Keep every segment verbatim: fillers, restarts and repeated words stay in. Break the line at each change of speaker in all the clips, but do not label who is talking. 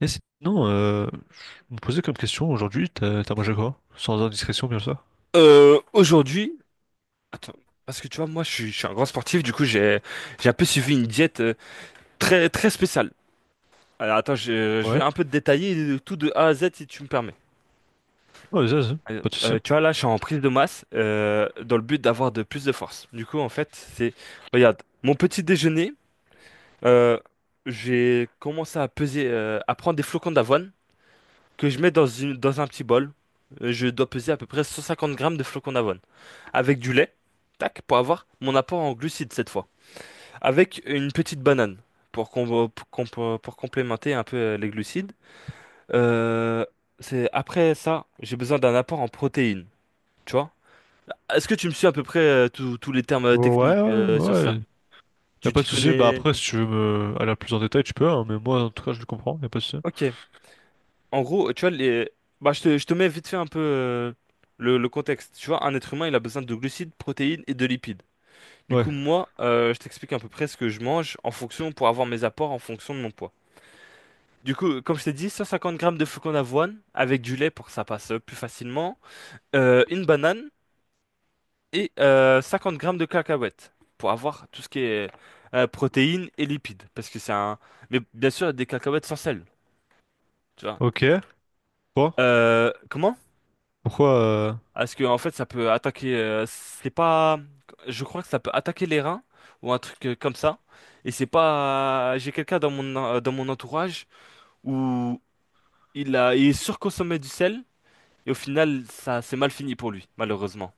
Et sinon, euh, je me posais comme question aujourd'hui, t'as t'as mangé quoi? Sans indiscrétion, bien sûr.
Euh, aujourd'hui, attends, parce que tu vois, moi, je suis, je suis un grand sportif, du coup, j'ai, j'ai un peu suivi une diète euh, très, très spéciale. Alors, attends, je, je
Ouais.
vais un peu te détailler euh, tout de A à Z si tu me permets.
Ouais, vas-y, vas-y,
Euh,
pas de souci.
euh, tu vois, là, je suis en prise de masse euh, dans le but d'avoir de plus de force. Du coup, en fait, c'est, regarde, mon petit déjeuner, euh, j'ai commencé à peser, euh, à prendre des flocons d'avoine que je mets dans une- dans un petit bol. Euh, Je dois peser à peu près cent cinquante grammes de flocons d'avoine, avec du lait, tac, pour avoir mon apport en glucides cette fois. Avec une petite banane pour, com- pour, com- pour complémenter un peu euh, les glucides. Euh, c'est, Après ça, j'ai besoin d'un apport en protéines, tu vois? Est-ce que tu me suis à peu près euh, tous tous les termes euh,
Ouais,
techniques
ouais,
euh, sur ça?
ouais. Y a
Tu
pas
t'y
de souci. Bah
connais?
après, si tu veux me aller plus en détail, tu peux, hein, mais moi, en tout cas, je le comprends, y a pas de souci.
Ok. En gros, tu vois, les… bah, je te, je te mets vite fait un peu euh, le, le contexte. Tu vois, un être humain, il a besoin de glucides, protéines et de lipides. Du
Ouais.
coup, moi, euh, je t'explique à peu près ce que je mange en fonction, pour avoir mes apports en fonction de mon poids. Du coup, comme je t'ai dit, cent cinquante grammes de flocons d'avoine avec du lait pour que ça passe euh, plus facilement, euh, une banane et euh, cinquante grammes de cacahuètes pour avoir tout ce qui est euh, protéines et lipides. Parce que c'est un… Mais bien sûr, des cacahuètes sans sel, tu vois.
Ok. Quoi?
Euh, comment?
Pourquoi? euh,
Parce que en fait ça peut attaquer euh, c'est pas je crois que ça peut attaquer les reins ou un truc euh, comme ça. Et c'est pas j'ai quelqu'un dans mon en- dans mon entourage où il a il surconsommait du sel, et au final ça c'est mal fini pour lui malheureusement.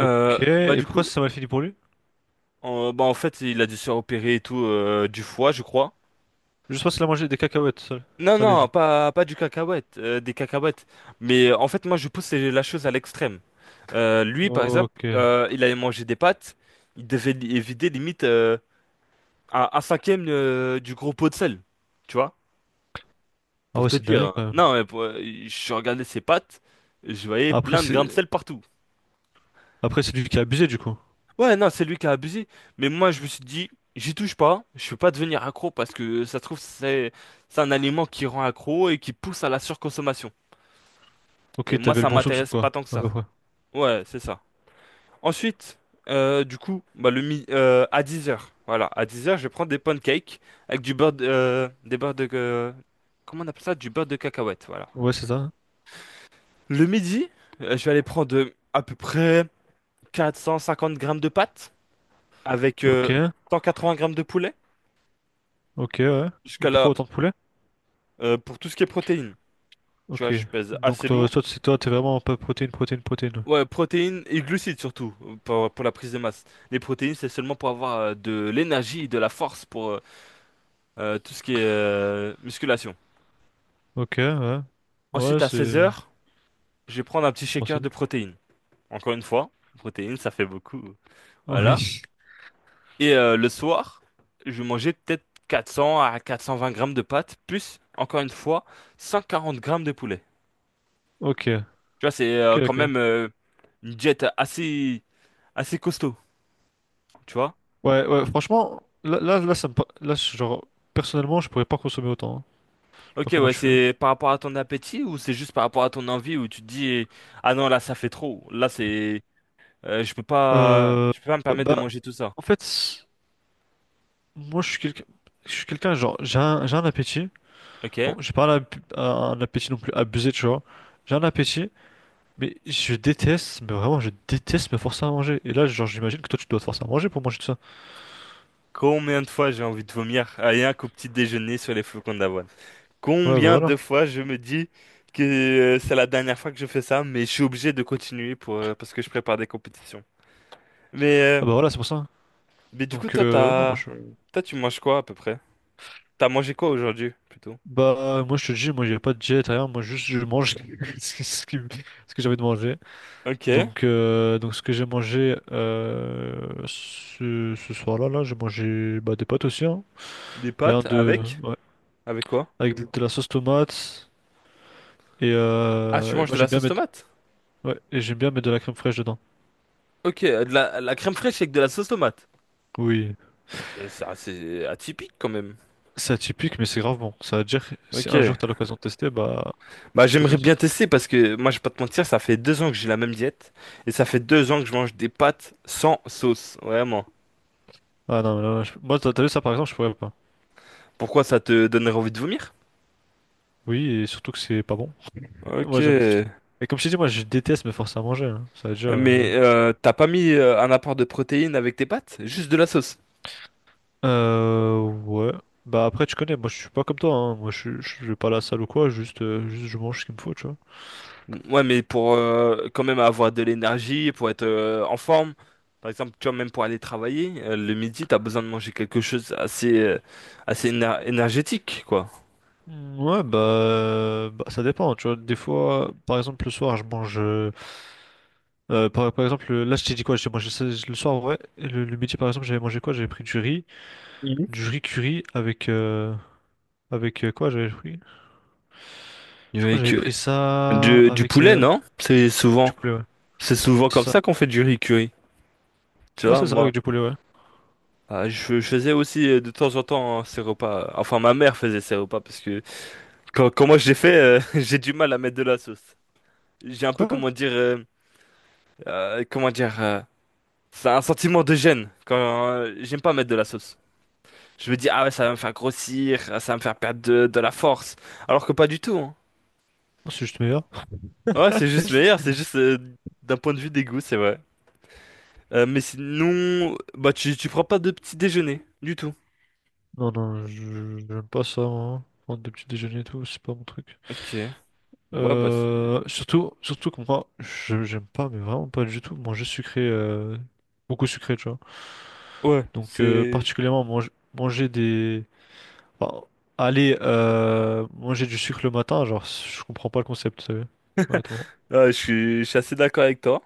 Euh, bah
Et
du
pourquoi
coup
ça m'a fini pour lui?
en, bah en fait il a dû se faire opérer et tout euh, du foie je crois.
Je sais qu'il a mangé des cacahuètes sales-
Non,
salées,
non,
du coup.
pas, pas du cacahuète, euh, des cacahuètes. Mais euh, en fait, moi, je pousse la chose à l'extrême. Euh, lui, par exemple,
Ok.
euh, il allait manger des pâtes, il devait li- vider limite euh, un, un cinquième euh, du gros pot de sel, tu vois,
Ah
pour
ouais,
te
c'est
dire,
dingue
hein.
quand même.
Non, mais pour- euh, Je regardais ses pâtes, je voyais
Après,
plein de grains de
c'est
sel partout.
après c'est lui qui a abusé, du coup.
Ouais, non, c'est lui qui a abusé. Mais moi, je me suis dit, j'y touche pas, je peux pas devenir accro, parce que ça se trouve, c'est c'est un aliment qui rend accro et qui pousse à la surconsommation. Et
Ok,
moi,
t'avais le
ça
bon soupçon,
m'intéresse pas
quoi.
tant que
À
ça.
peu près.
Ouais, c'est ça. Ensuite, euh, du coup, bah, le mi- euh, à dix heures. Voilà, à dix heures, je prends des pancakes avec du beurre de, euh, des beurres de euh, comment on appelle ça? Du beurre de cacahuète, voilà.
Ouais, c'est ça.
Le midi, euh, je vais aller prendre euh, à peu près quatre cent cinquante grammes de pâtes avec
Ok.
euh, cent quatre-vingts grammes de poulet.
Ok, ouais.
Jusqu'à là,
Pro Autant de poulet?
euh, pour tout ce qui est protéines. Tu vois,
Ok.
je pèse
Donc
assez
toi,
lourd.
toi, c'est toi, t'es vraiment pas protéine, protéine, protéine.
Ouais, protéines et glucides surtout, euh, pour, pour la prise de masse. Les protéines, c'est seulement pour avoir euh, de l'énergie, de la force pour, euh, Euh, tout ce qui est euh, musculation.
Ok, ouais. Ouais,
Ensuite, à seize
c'est
heures, je vais prendre un petit shaker de
possible.
protéines. Encore une fois, protéines, ça fait beaucoup. Voilà.
Oui.
Et euh, le soir, je vais manger peut-être quatre cents à quatre cent vingt grammes de pâtes, plus, encore une fois, cent quarante grammes de poulet.
Ok.
Tu vois, c'est
Ok,
euh, quand
ok.
même euh, une diète assez, assez costaud, tu vois.
Ouais, ouais, franchement, là, là, là, ça me... par- là, je- genre, personnellement, je pourrais pas consommer autant, hein. Je sais
Ok,
pas comment
ouais,
tu fais, hein.
c'est par rapport à ton appétit ou c'est juste par rapport à ton envie où tu te dis, ah non, là, ça fait trop. Là, c'est… euh, je peux pas,
Euh,
je peux pas me permettre de
bah,
manger tout ça.
en fait, moi, je suis quelqu'un, je suis quelqu'un, genre, j'ai un, j'ai un appétit. Bon,
Ok.
j'ai pas un, ap- un appétit non plus abusé, tu vois. J'ai un appétit. Mais je déteste, mais vraiment, je déteste me forcer à manger. Et là, genre, j'imagine que toi, tu dois te forcer à manger pour manger tout ça.
Combien de fois j'ai envie de vomir rien qu'au petit déjeuner sur les flocons d'avoine?
Ouais, bah
Combien
voilà.
de fois je me dis que euh, c'est la dernière fois que je fais ça, mais je suis obligé de continuer pour euh, parce que je prépare des compétitions. Mais euh,
Ah bah voilà, c'est pour ça.
mais du coup
Donc,
toi
euh, non, moi,
t'as
je...
toi tu manges quoi à peu près? T'as mangé quoi aujourd'hui plutôt?
Bah, moi, je te dis, moi, j'ai pas de diète, rien. Moi, juste, je mange ce que, ce qui me- ce que j'ai envie de manger.
Ok.
Donc, euh, donc ce que j'ai mangé euh, ce, ce soir-là, là, j'ai mangé, bah, des pâtes aussi, hein.
Des
Rien
pâtes
de...
avec…
Ouais.
avec quoi?
Avec de, de la sauce tomate. Et
Ah tu
euh, et
manges
moi,
de la
j'aime bien
sauce
mettre...
tomate?
Ouais, et j'aime bien mettre de la crème fraîche dedans.
Ok, de la, la crème fraîche avec de la sauce tomate.
Oui,
Euh, C'est assez atypique quand même.
c'est atypique, mais c'est grave bon. Ça veut dire que si
Ok.
un jour t'as l'occasion de tester, bah,
Bah,
je te
j'aimerais
conseille.
bien tester, parce que moi, je vais pas te mentir, ça fait deux ans que j'ai la même diète et ça fait deux ans que je mange des pâtes sans sauce, vraiment.
Ah non, mais là, je- moi, t'as t'as vu ça par exemple, je pourrais pas.
Pourquoi ça te donnerait envie de vomir?
Oui, et surtout que c'est pas bon.
Ok.
Moi, j'aime. Et comme je t'ai dit, moi, je déteste me forcer à manger, hein. Ça veut dire. Euh...
Mais euh, t'as pas mis euh, un apport de protéines avec tes pâtes? Juste de la sauce.
euh, ouais. Bah après, tu connais, moi, je suis pas comme toi, hein. Moi, je, je vais pas à la salle ou quoi. Juste, euh, juste, je mange ce qu'il me faut, tu vois.
Ouais, mais pour euh, quand même avoir de l'énergie, pour être euh, en forme, par exemple, tu vois, même pour aller travailler, euh, le midi, t'as besoin de manger quelque chose assez, euh, assez éner- énergétique, quoi.
Mm, ouais, bah, bah, ça dépend, tu vois. Des fois, par exemple, le soir, je mange, euh, euh, par, par exemple, là, je t'ai dit quoi? J'ai mangé ça le soir, ouais. Et Le, le midi, par exemple, j'avais mangé quoi? J'avais pris du riz.
Mhm.
du riz curry avec euh, avec euh, quoi j'avais pris? Je crois que
Avec
j'avais
euh,
pris ça
du, du
avec,
poulet,
euh,
non? C'est
avec du
souvent.
poulet, ouais.
C'est souvent
C'est
comme
ça.
ça qu'on fait du riz curry. Tu
Ouais,
vois,
c'est ça,
moi,
avec du poulet, ouais.
euh, je, je faisais aussi euh, de temps en temps euh, ces repas. Enfin, ma mère faisait ces repas parce que quand, quand moi je les fais, euh, j'ai du mal à mettre de la sauce. J'ai un peu,
Quoi? Non.
comment dire, euh, euh, comment dire, euh, c'est un sentiment de gêne quand euh, j'aime pas mettre de la sauce. Je me dis, ah ouais, ça va me faire grossir, ah, ça va me faire perdre de, de la force. Alors que pas du tout, hein.
C'est juste meilleur.
Ouais, c'est juste meilleur, c'est juste euh, d'un point de vue des goûts c'est vrai. Euh, mais sinon, bah tu, tu prends pas de petit déjeuner, du tout.
Non, non, je je- j'aime pas ça, moi, hein. Prendre des petits déjeuners et tout, c'est pas mon truc.
Ok. Ouais, bah, c'est-
Euh, surtout, surtout que moi, je- j'aime pas, mais vraiment pas du tout, manger sucré, euh, beaucoup sucré, tu vois.
ouais,
Donc, euh,
c'est.
particulièrement, mange- manger des, bon, allez, euh, manger du sucre le matin, genre, je comprends pas le concept, euh, honnêtement.
Ah, je suis… je suis assez d'accord avec toi.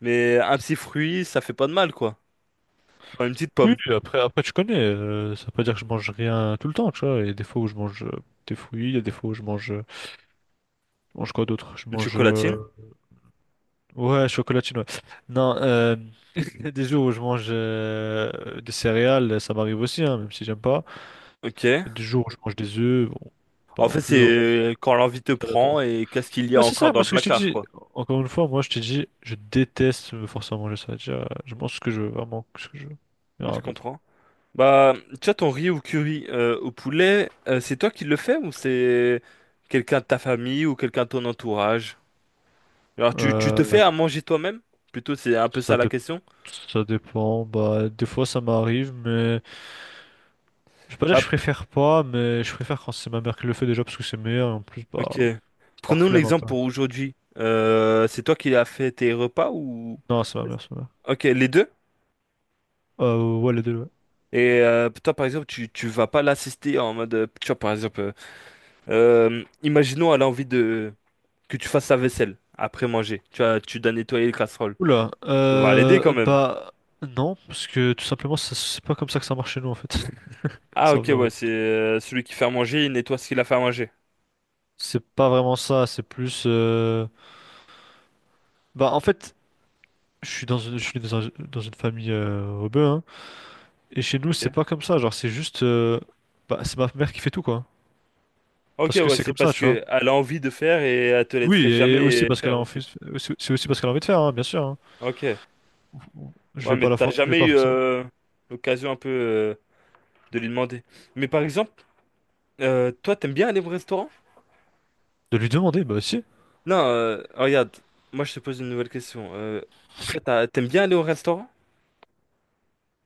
Mais un petit fruit, ça fait pas de mal, quoi. Genre une petite
Oui,
pomme,
après, après, tu connais, euh, ça veut pas dire que je mange rien tout le temps, tu vois. Il y a des fois où je mange euh, des fruits, il y a des fois où je mange, euh, je mange quoi d'autre? Je
une
mange, euh,
chocolatine.
ouais, chocolatine, ouais. Non, euh, il y a des jours où je mange euh, des céréales, ça m'arrive aussi, hein, même si j'aime pas.
Ok.
Il y a des jours où je mange des œufs, bon, pas
En
non
fait,
plus, hein.
c'est quand l'envie te
C'est aléatoire.
prend et qu'est-ce qu'il y
Bah,
a
c'est
encore
ça,
dans
moi
le
ce que je t'ai
placard,
dit,
quoi.
encore une fois, moi je t'ai dit, je déteste me forcer à manger, ça veut dire, euh, je mange ce que je veux, vraiment ce que je veux, et
Ouais,
rien
je
d'autre.
comprends. Bah, tu vois, ton riz au curry euh, au poulet, euh, c'est toi qui le fais ou c'est quelqu'un de ta famille ou quelqu'un de ton entourage? Alors, tu, tu te fais
Euh,
à manger toi-même? Plutôt, c'est un peu ça
ça,
la
dé-
question.
ça dépend, bah des fois ça m'arrive, mais je vais pas dire que
Bah,
je préfère pas, mais je préfère quand c'est ma mère qui le fait déjà parce que c'est meilleur, et en plus, bah,
Ok.
par
Prenons
flemme un
l'exemple
peu.
pour aujourd'hui. Euh, c'est toi qui as fait tes repas ou…
Non, c'est ma mère, c'est ma mère.
Ok, les deux?
Euh, ouais, les deux, ouais.
Et euh, toi, par exemple, tu, tu vas pas l'assister en mode… euh, Tu vois, par exemple, euh, euh, imaginons elle a envie de… que tu fasses sa vaisselle après manger. Tu vas, tu dois nettoyer les casseroles.
Oula,
Tu vas l'aider quand
euh,
même.
bah non, parce que tout simplement, ça- c'est pas comme ça que ça marche chez nous en fait, tout
Ah, ok,
simplement.
ouais, c'est euh, celui qui fait à manger, il nettoie ce qu'il a fait à manger.
C'est pas vraiment ça, c'est plus... euh, bah en fait je suis dans une, je suis dans un- dans une famille euh, rebeu, hein. Et chez nous, c'est
Ok.
pas comme ça. Genre, c'est juste, euh, bah, c'est ma mère qui fait tout, quoi.
Ok,
Parce que
ouais,
c'est
c'est
comme ça,
parce
tu vois.
que elle a envie de faire et elle te laisserait
Oui, et aussi
jamais
parce qu'elle
faire
a envie,
aussi.
aussi- c'est aussi parce qu'elle a envie de faire, hein, bien sûr, hein.
Ok.
Je
Ouais,
vais
mais
pas la
t'as
for- je vais
jamais
pas
eu
forcément.
euh, l'occasion un peu… euh, de lui demander. Mais par exemple, euh, toi, t'aimes bien aller au restaurant?
De lui demander, bah si.
Non, euh, regarde, moi je te pose une nouvelle question. Euh, toi, t'as- t'aimes bien aller au restaurant?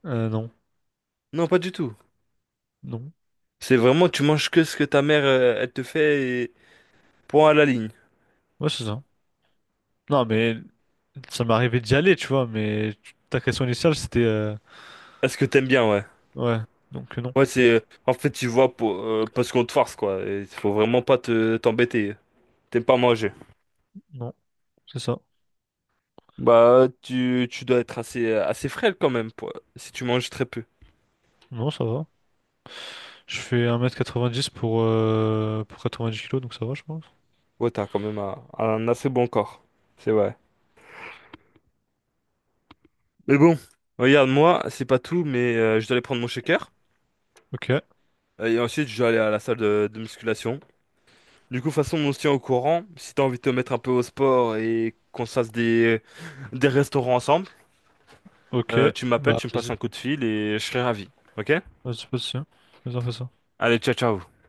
Euh, non.
Non, pas du tout.
Non.
C'est vraiment, tu manges que ce que ta mère, euh, elle te fait et point à la ligne.
Ouais, c'est ça. Non, mais ça m'est arrivé d'y aller, tu vois. Mais ta question initiale, c'était. euh,
Est-ce que t'aimes bien, ouais?
Ouais. Donc, euh, non.
Ouais, c'est, euh, en fait, tu vois, pour, euh, parce qu'on te force, quoi. Il faut vraiment pas te, t'embêter. T'aimes pas manger.
Non, c'est ça.
Bah, tu, tu dois être assez, assez frêle quand même, pour- si tu manges très peu.
Non, ça va. Je fais un mètre quatre-vingt-dix pour, euh, pour dix kilos, donc ça va, je pense.
Ouais, t'as quand même un un assez bon corps. C'est vrai. Mais bon, regarde, moi, c'est pas tout, mais euh, je dois aller prendre mon shaker.
Ok.
euh, Et ensuite, je dois aller à la salle de, de musculation. Du coup, de toute façon, on se tient au courant. Si t'as envie de te mettre un peu au sport et qu'on se fasse des, des restaurants ensemble,
Ok,
euh, tu m'appelles,
bah
tu me passes
vas-y,
un coup de fil et je serai ravi. Ok?
vas-y, vas-y, vas-y, on fait ça.
Allez, ciao, ciao.